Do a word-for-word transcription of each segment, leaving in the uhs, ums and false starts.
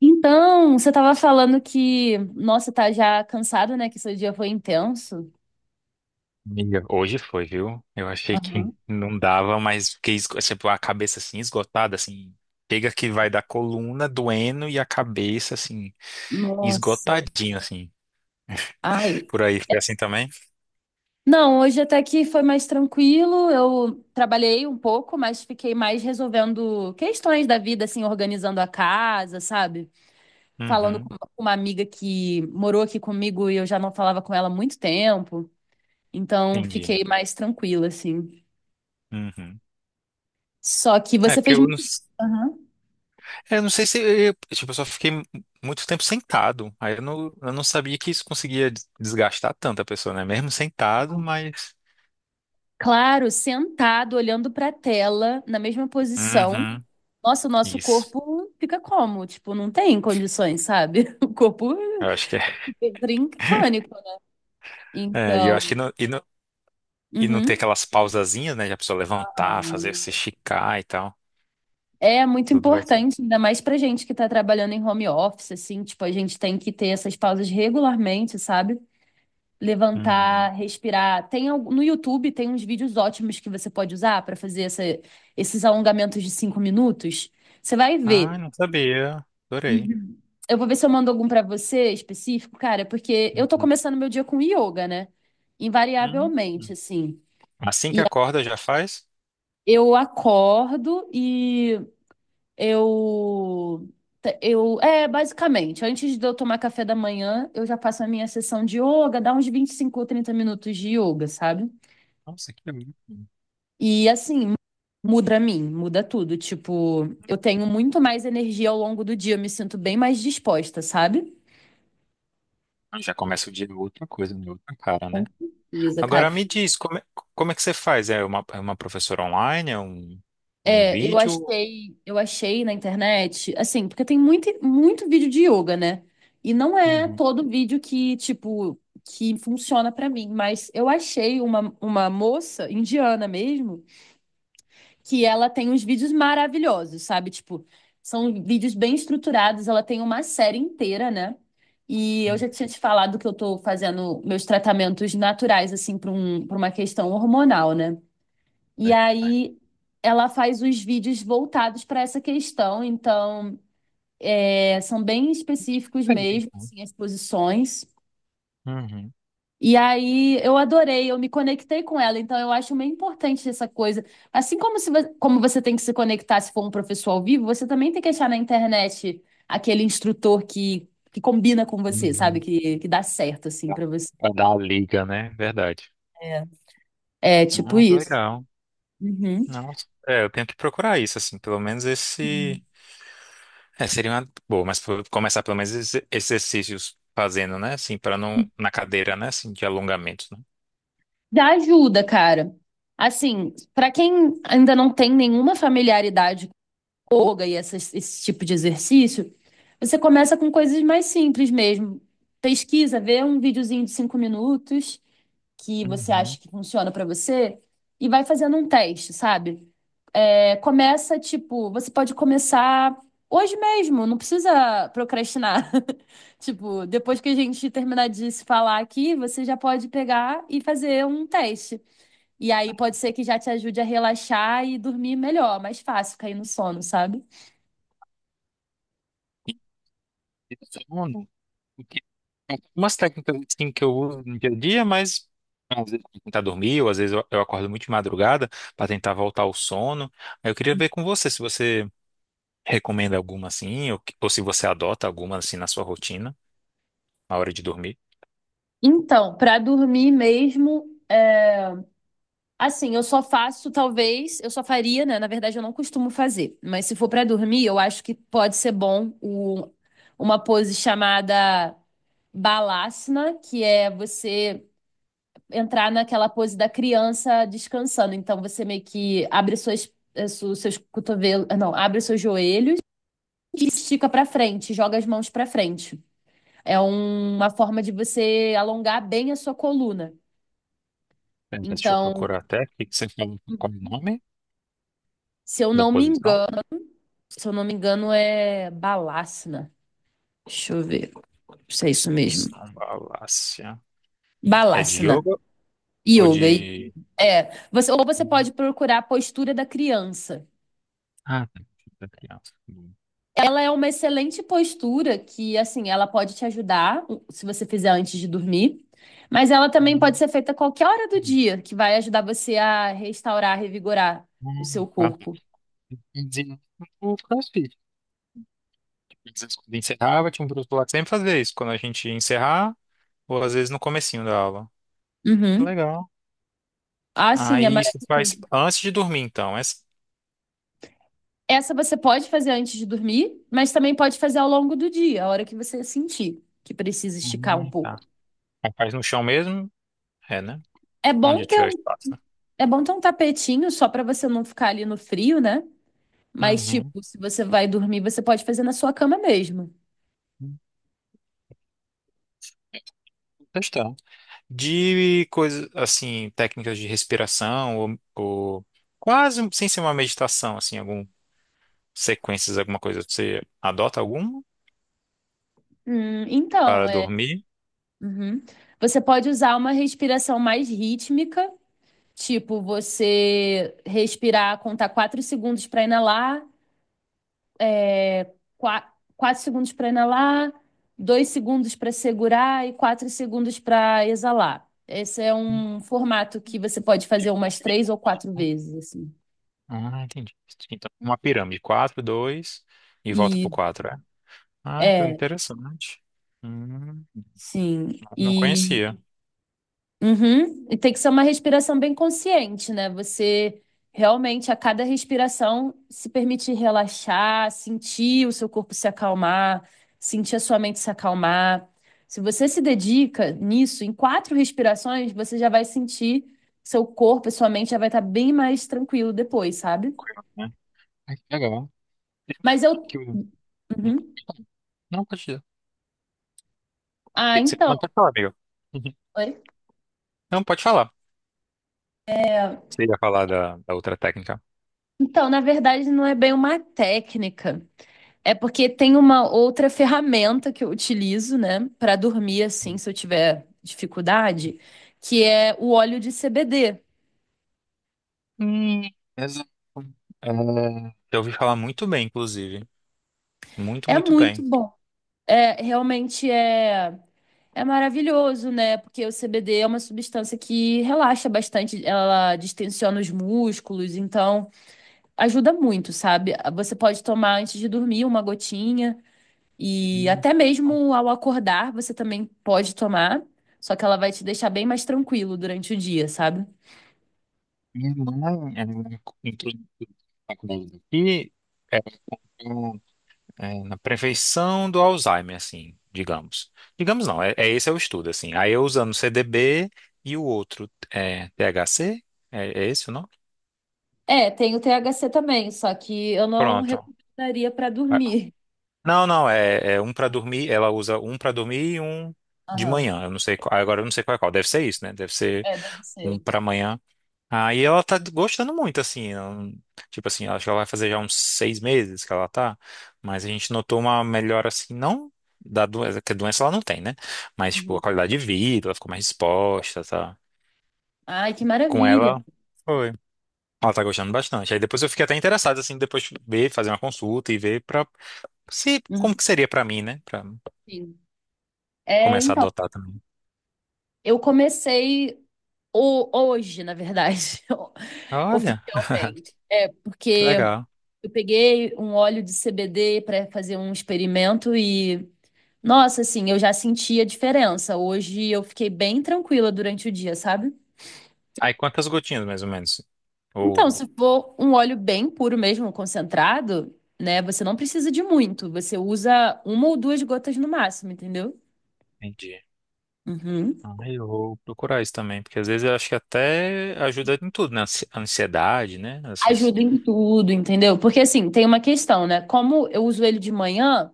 Então, você estava falando que, nossa, tá já cansado, né? Que seu dia foi intenso. Amiga, hoje foi, viu? Eu achei que Aham. não dava, mas fiquei esgo- tipo, a cabeça assim esgotada, assim. Chega que vai da coluna doendo e a cabeça assim Nossa. esgotadinha, assim. Ai. Por aí foi assim também? Não, hoje até que foi mais tranquilo. Eu trabalhei um pouco, mas fiquei mais resolvendo questões da vida, assim, organizando a casa, sabe? Falando Uhum, com uma amiga que morou aqui comigo e eu já não falava com ela há muito tempo. Então, entendi. fiquei mais tranquila, assim. Uhum. Só que É você porque fez eu não, muito. s- Aham. é, eu não sei se eu, tipo, eu só fiquei mu- muito tempo sentado. Aí eu não, eu não sabia que isso conseguia des- desgastar tanto a pessoa, né? Mesmo sentado, mas. Claro, sentado, olhando para a tela, na mesma posição. Uhum, Nossa, o nosso isso. corpo fica como? Tipo, não tem condições, sabe? O corpo Eu acho que é. entra em pânico, né? É, e eu acho que Então, não, E não ter uhum. aquelas pausazinhas, né? Já precisa levantar, fazer se esticar e tal. É muito Tudo vai só. importante, ainda mais pra gente que tá trabalhando em home office, assim, tipo, a gente tem que ter essas pausas regularmente, sabe? Levantar, Uhum. respirar. Tem al- no YouTube tem uns vídeos ótimos que você pode usar pra fazer essa- esses alongamentos de cinco minutos. Você vai Ah, ver. não sabia. Adorei. Uhum. Eu vou ver se eu mando algum pra você específico, cara, porque eu tô Uhum. começando meu dia com yoga, né? Invariavelmente, Uhum. assim. Assim que E acorda, já faz? eu acordo e eu eu é basicamente, antes de eu tomar café da manhã, eu já passo a minha sessão de yoga, dá uns vinte e cinco ou trinta minutos de yoga, sabe? Nossa, que bom. E assim, muda a mim, muda tudo, tipo, eu tenho muito mais energia ao longo do dia, eu me sinto bem mais disposta, sabe? Ah, já começa o dia com outra coisa, com outra cara, né? Com certeza, cara. Agora me diz, como é, como é que você faz? É uma, é uma professora online? É um, um É, eu vídeo? achei, eu achei na internet, assim, porque tem muito, muito vídeo de yoga, né? E não é Uhum. todo vídeo que, tipo, que funciona pra mim, mas eu achei uma, uma moça indiana mesmo, que ela tem uns vídeos maravilhosos, sabe? Tipo, são vídeos bem estruturados, ela tem uma série inteira, né? E eu Uhum. já tinha te falado que eu tô fazendo meus tratamentos naturais, assim, para um, para uma questão hormonal, né? É, E é. aí ela faz os vídeos voltados para essa questão, então é, são bem específicos mesmo, assim, as posições. Uhum. E aí eu adorei, eu me conectei com ela, então eu acho meio importante essa coisa. Assim como se, vo- como você tem que se conectar se for um professor ao vivo, você também tem que achar na internet aquele instrutor que, que combina com você, sabe? Uhum. Que, que dá certo, assim, Tá. para você. Pra dar a liga, né? Verdade. É, é tipo Ah, que isso. legal. Uhum. Nossa. É, eu tenho que procurar isso, assim, pelo menos esse. É, seria uma boa, mas pro- começar pelo menos esses exercícios fazendo, né? Assim, para não. Na cadeira, né? Assim, de alongamentos, né? Já ajuda, cara. Assim, pra quem ainda não tem nenhuma familiaridade com yoga e essas- esse tipo de exercício, você começa com coisas mais simples mesmo. Pesquisa, vê um videozinho de cinco minutos que você acha Uhum. que funciona pra você e vai fazendo um teste, sabe? É, começa, tipo, você pode começar hoje mesmo, não precisa procrastinar. Tipo, depois que a gente terminar de se falar aqui, você já pode pegar e fazer um teste. E aí pode ser que já te ajude a relaxar e dormir melhor, mais fácil cair no sono, sabe? E sono. Porque tem umas técnicas assim, que eu uso no dia a dia, mas às vezes eu tentar dormir, ou às vezes eu, eu acordo muito de madrugada para tentar voltar ao sono. Aí eu queria ver com você se você recomenda alguma assim, ou, que- ou se você adota alguma assim na sua rotina, na hora de dormir. Então, pra dormir mesmo, é, assim, eu só faço talvez, eu só faria, né? Na verdade, eu não costumo fazer, mas se for pra dormir, eu acho que pode ser bom o- uma pose chamada Balasana, que é você entrar naquela pose da criança descansando. Então você meio que abre suas eh, su- seus cotovelos, não, abre os seus joelhos que estica para frente, joga as mãos para frente. É um- uma forma de você alongar bem a sua coluna. Pera, deixa eu Então, procurar até. O que que você fala? Qual o nome se eu da não me posição? engano, se eu não me engano, é Balasana. Deixa eu ver se é isso mesmo. Posição Valácia. E é de Balasana. yoga ou Yoga. e- de. É. Você, ou você Uhum. pode procurar a postura da criança. Ah, tá. Deixa eu hum, Ela é uma excelente postura que, assim, ela pode te ajudar hum, se você fizer antes de dormir, mas ela também pode hum, ser feita a qualquer hora do dia, que vai ajudar você a restaurar, revigorar o seu hum. Ah, tá. corpo. De- o CrossFit. Às quando encerrava, tinha um professor lá que sempre fazia isso, quando a gente ia encerrar, ou às vezes no comecinho da aula. Que Uhum. legal. Ah, sim, é Aí isso faz maravilhoso. antes de dormir, então. Essa... Essa você pode fazer antes de dormir, mas também pode fazer ao longo do dia, a hora que você sentir que precisa esticar Ah, um tá. pouco. Aí faz no chão mesmo? É, né? É bom Onde ter tiver um, espaço, é bom ter um tapetinho só para você não ficar ali no frio, né? né? Mas, tipo, Uhum. se você vai dormir, você pode fazer na sua cama mesmo. Questão. De coisas, assim, técnicas de respiração, ou, ou quase sem ser uma meditação, assim, algum sequências, alguma coisa. Você adota alguma Hum, para então, é. dormir? Uhum. Você pode usar uma respiração mais rítmica, tipo você respirar, contar quatro segundos para inalar, é, qua- quatro segundos para inalar, dois segundos para segurar e quatro segundos para exalar. Esse é um formato que você pode fazer umas três ou quatro vezes, assim. Ah, entendi. Então, uma pirâmide. Quatro, dois e volta pro E quatro, é? Ah, que é, interessante. Hum, sim. não E conhecia. uhum. E tem que ser uma respiração bem consciente, né? Você realmente, a cada respiração, se permitir relaxar, sentir o seu corpo se acalmar, sentir a sua mente se acalmar. Se você se dedica nisso, em quatro respirações, você já vai sentir seu corpo e sua mente já vai estar bem mais tranquilo depois, sabe? Curioso, né? Ah, que legal. Tem Mas eu. aqui o- Uhum. não, pode dizer. O Ah, que que você... então. Não, pode falar, amigo. Oi? Não, pode falar. É. Você ia falar da, da outra técnica. Então, na verdade, não é bem uma técnica. É porque tem uma outra ferramenta que eu utilizo, né, para dormir assim, se eu tiver dificuldade, que é o óleo de C B D. Hum, exato. É, eu ouvi falar muito bem, inclusive. Muito, É muito muito bem. bom. É, realmente é é maravilhoso, né? Porque o C B D é uma substância que relaxa bastante, ela distensiona os músculos, então ajuda muito, sabe? Você pode tomar antes de dormir uma gotinha. E Hum. até mesmo ao acordar, você também pode tomar, só que ela vai te deixar bem mais tranquilo durante o dia, sabe? Minha irmã, ela entrou na faculdade daqui, é, na prevenção do Alzheimer, assim, digamos. Digamos não, é, é esse é o estudo, assim. Aí eu usando C D B e o outro é T H C? É, é esse o nome? É, tem o T H C também, só que eu não Pronto. recomendaria pra Ah, dormir. não, não, é, é um para dormir, ela usa um para dormir e um de Aham. manhã. Eu não sei, qual- agora eu não sei qual é qual. Deve ser isso, né? Deve ser É, deve um ser. para manhã. Aí ela tá gostando muito, assim. Ela não- Tipo assim, acho que ela vai fazer já uns seis meses que ela tá. Mas a gente notou uma melhora, assim, não da doença, que a doença ela não tem, né? Mas, tipo, a Uhum. qualidade de vida, ela ficou mais disposta, tá? Ai, que Com maravilha. ela, foi. Ela tá gostando bastante. Aí depois eu fiquei até interessado, assim, depois de ver, fazer uma consulta e ver pra se, como Uhum. que seria pra mim, né? Pra Sim. É, começar a então, adotar também. eu comecei o- hoje, na verdade, Olha, oficialmente. É, que porque legal. eu peguei um óleo de C B D para fazer um experimento e nossa, assim, eu já senti a diferença. Hoje eu fiquei bem tranquila durante o dia, sabe? Aí quantas gotinhas, mais ou menos? Então, Ou. se for um óleo bem puro mesmo, concentrado, né, você não precisa de muito. Você usa uma ou duas gotas no máximo, entendeu? Entendi. Uhum. Ah, eu vou procurar isso também, porque às vezes eu acho que até ajuda em tudo, né? Ansi- A ansiedade, né? Essas Ajuda em tudo, entendeu? Porque assim, tem uma questão, né? Como eu uso ele de manhã,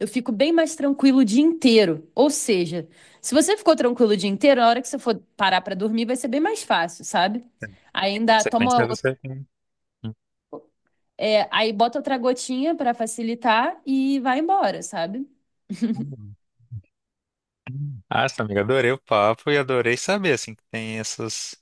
eu fico bem mais tranquilo o dia inteiro. Ou seja, se você ficou tranquilo o dia inteiro, na hora que você for parar pra dormir, vai ser bem mais fácil, sabe? Ainda sequências toma. você. É, aí bota outra gotinha pra facilitar e vai embora, sabe? Hum. Ah, essa amiga, adorei o papo e adorei saber, assim, que tem essas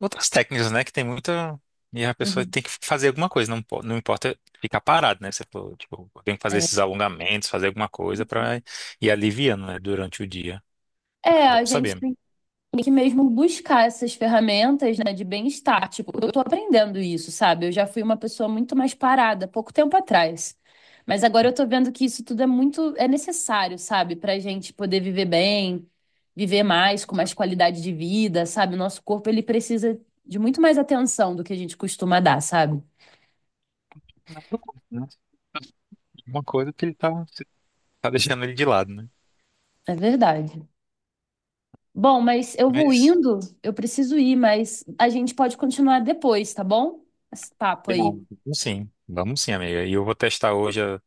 outras técnicas, né? Que tem muita. E a pessoa Uhum. tem que fazer alguma coisa, não, po- não importa ficar parado, né? Você falou, tipo, tem que fazer É. esses alongamentos, fazer alguma coisa pra ir aliviando, né? Durante o dia. Ah, é É, a bom gente saber. tem que mesmo buscar essas ferramentas, né, de bem-estar. Tipo, eu tô aprendendo isso, sabe? Eu já fui uma pessoa muito mais parada pouco tempo atrás. Mas agora Hum. eu tô vendo que isso tudo é muito, é necessário, sabe? Pra gente poder viver bem, viver mais, com mais Sabe, qualidade de vida, sabe? O nosso corpo, ele precisa de muito mais atenção do que a gente costuma dar, sabe? mas eu curto, né? Alguma coisa que ele tá, tá deixando ele de lado, né? É verdade. Bom, mas eu vou Mas indo, eu preciso ir, mas a gente pode continuar depois, tá bom? Esse papo aí. combinado. Vamos Sim, vamos sim, amiga. E eu vou testar hoje, a-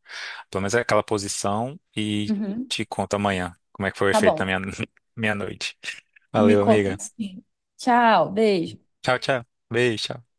pelo menos aquela posição, e Uhum. te conto amanhã como é que foi o Tá efeito na bom. minha, minha noite. Me Valeu, conta amiga. assim. Tchau, beijo. Tchau, tchau. Beijo. Tchau.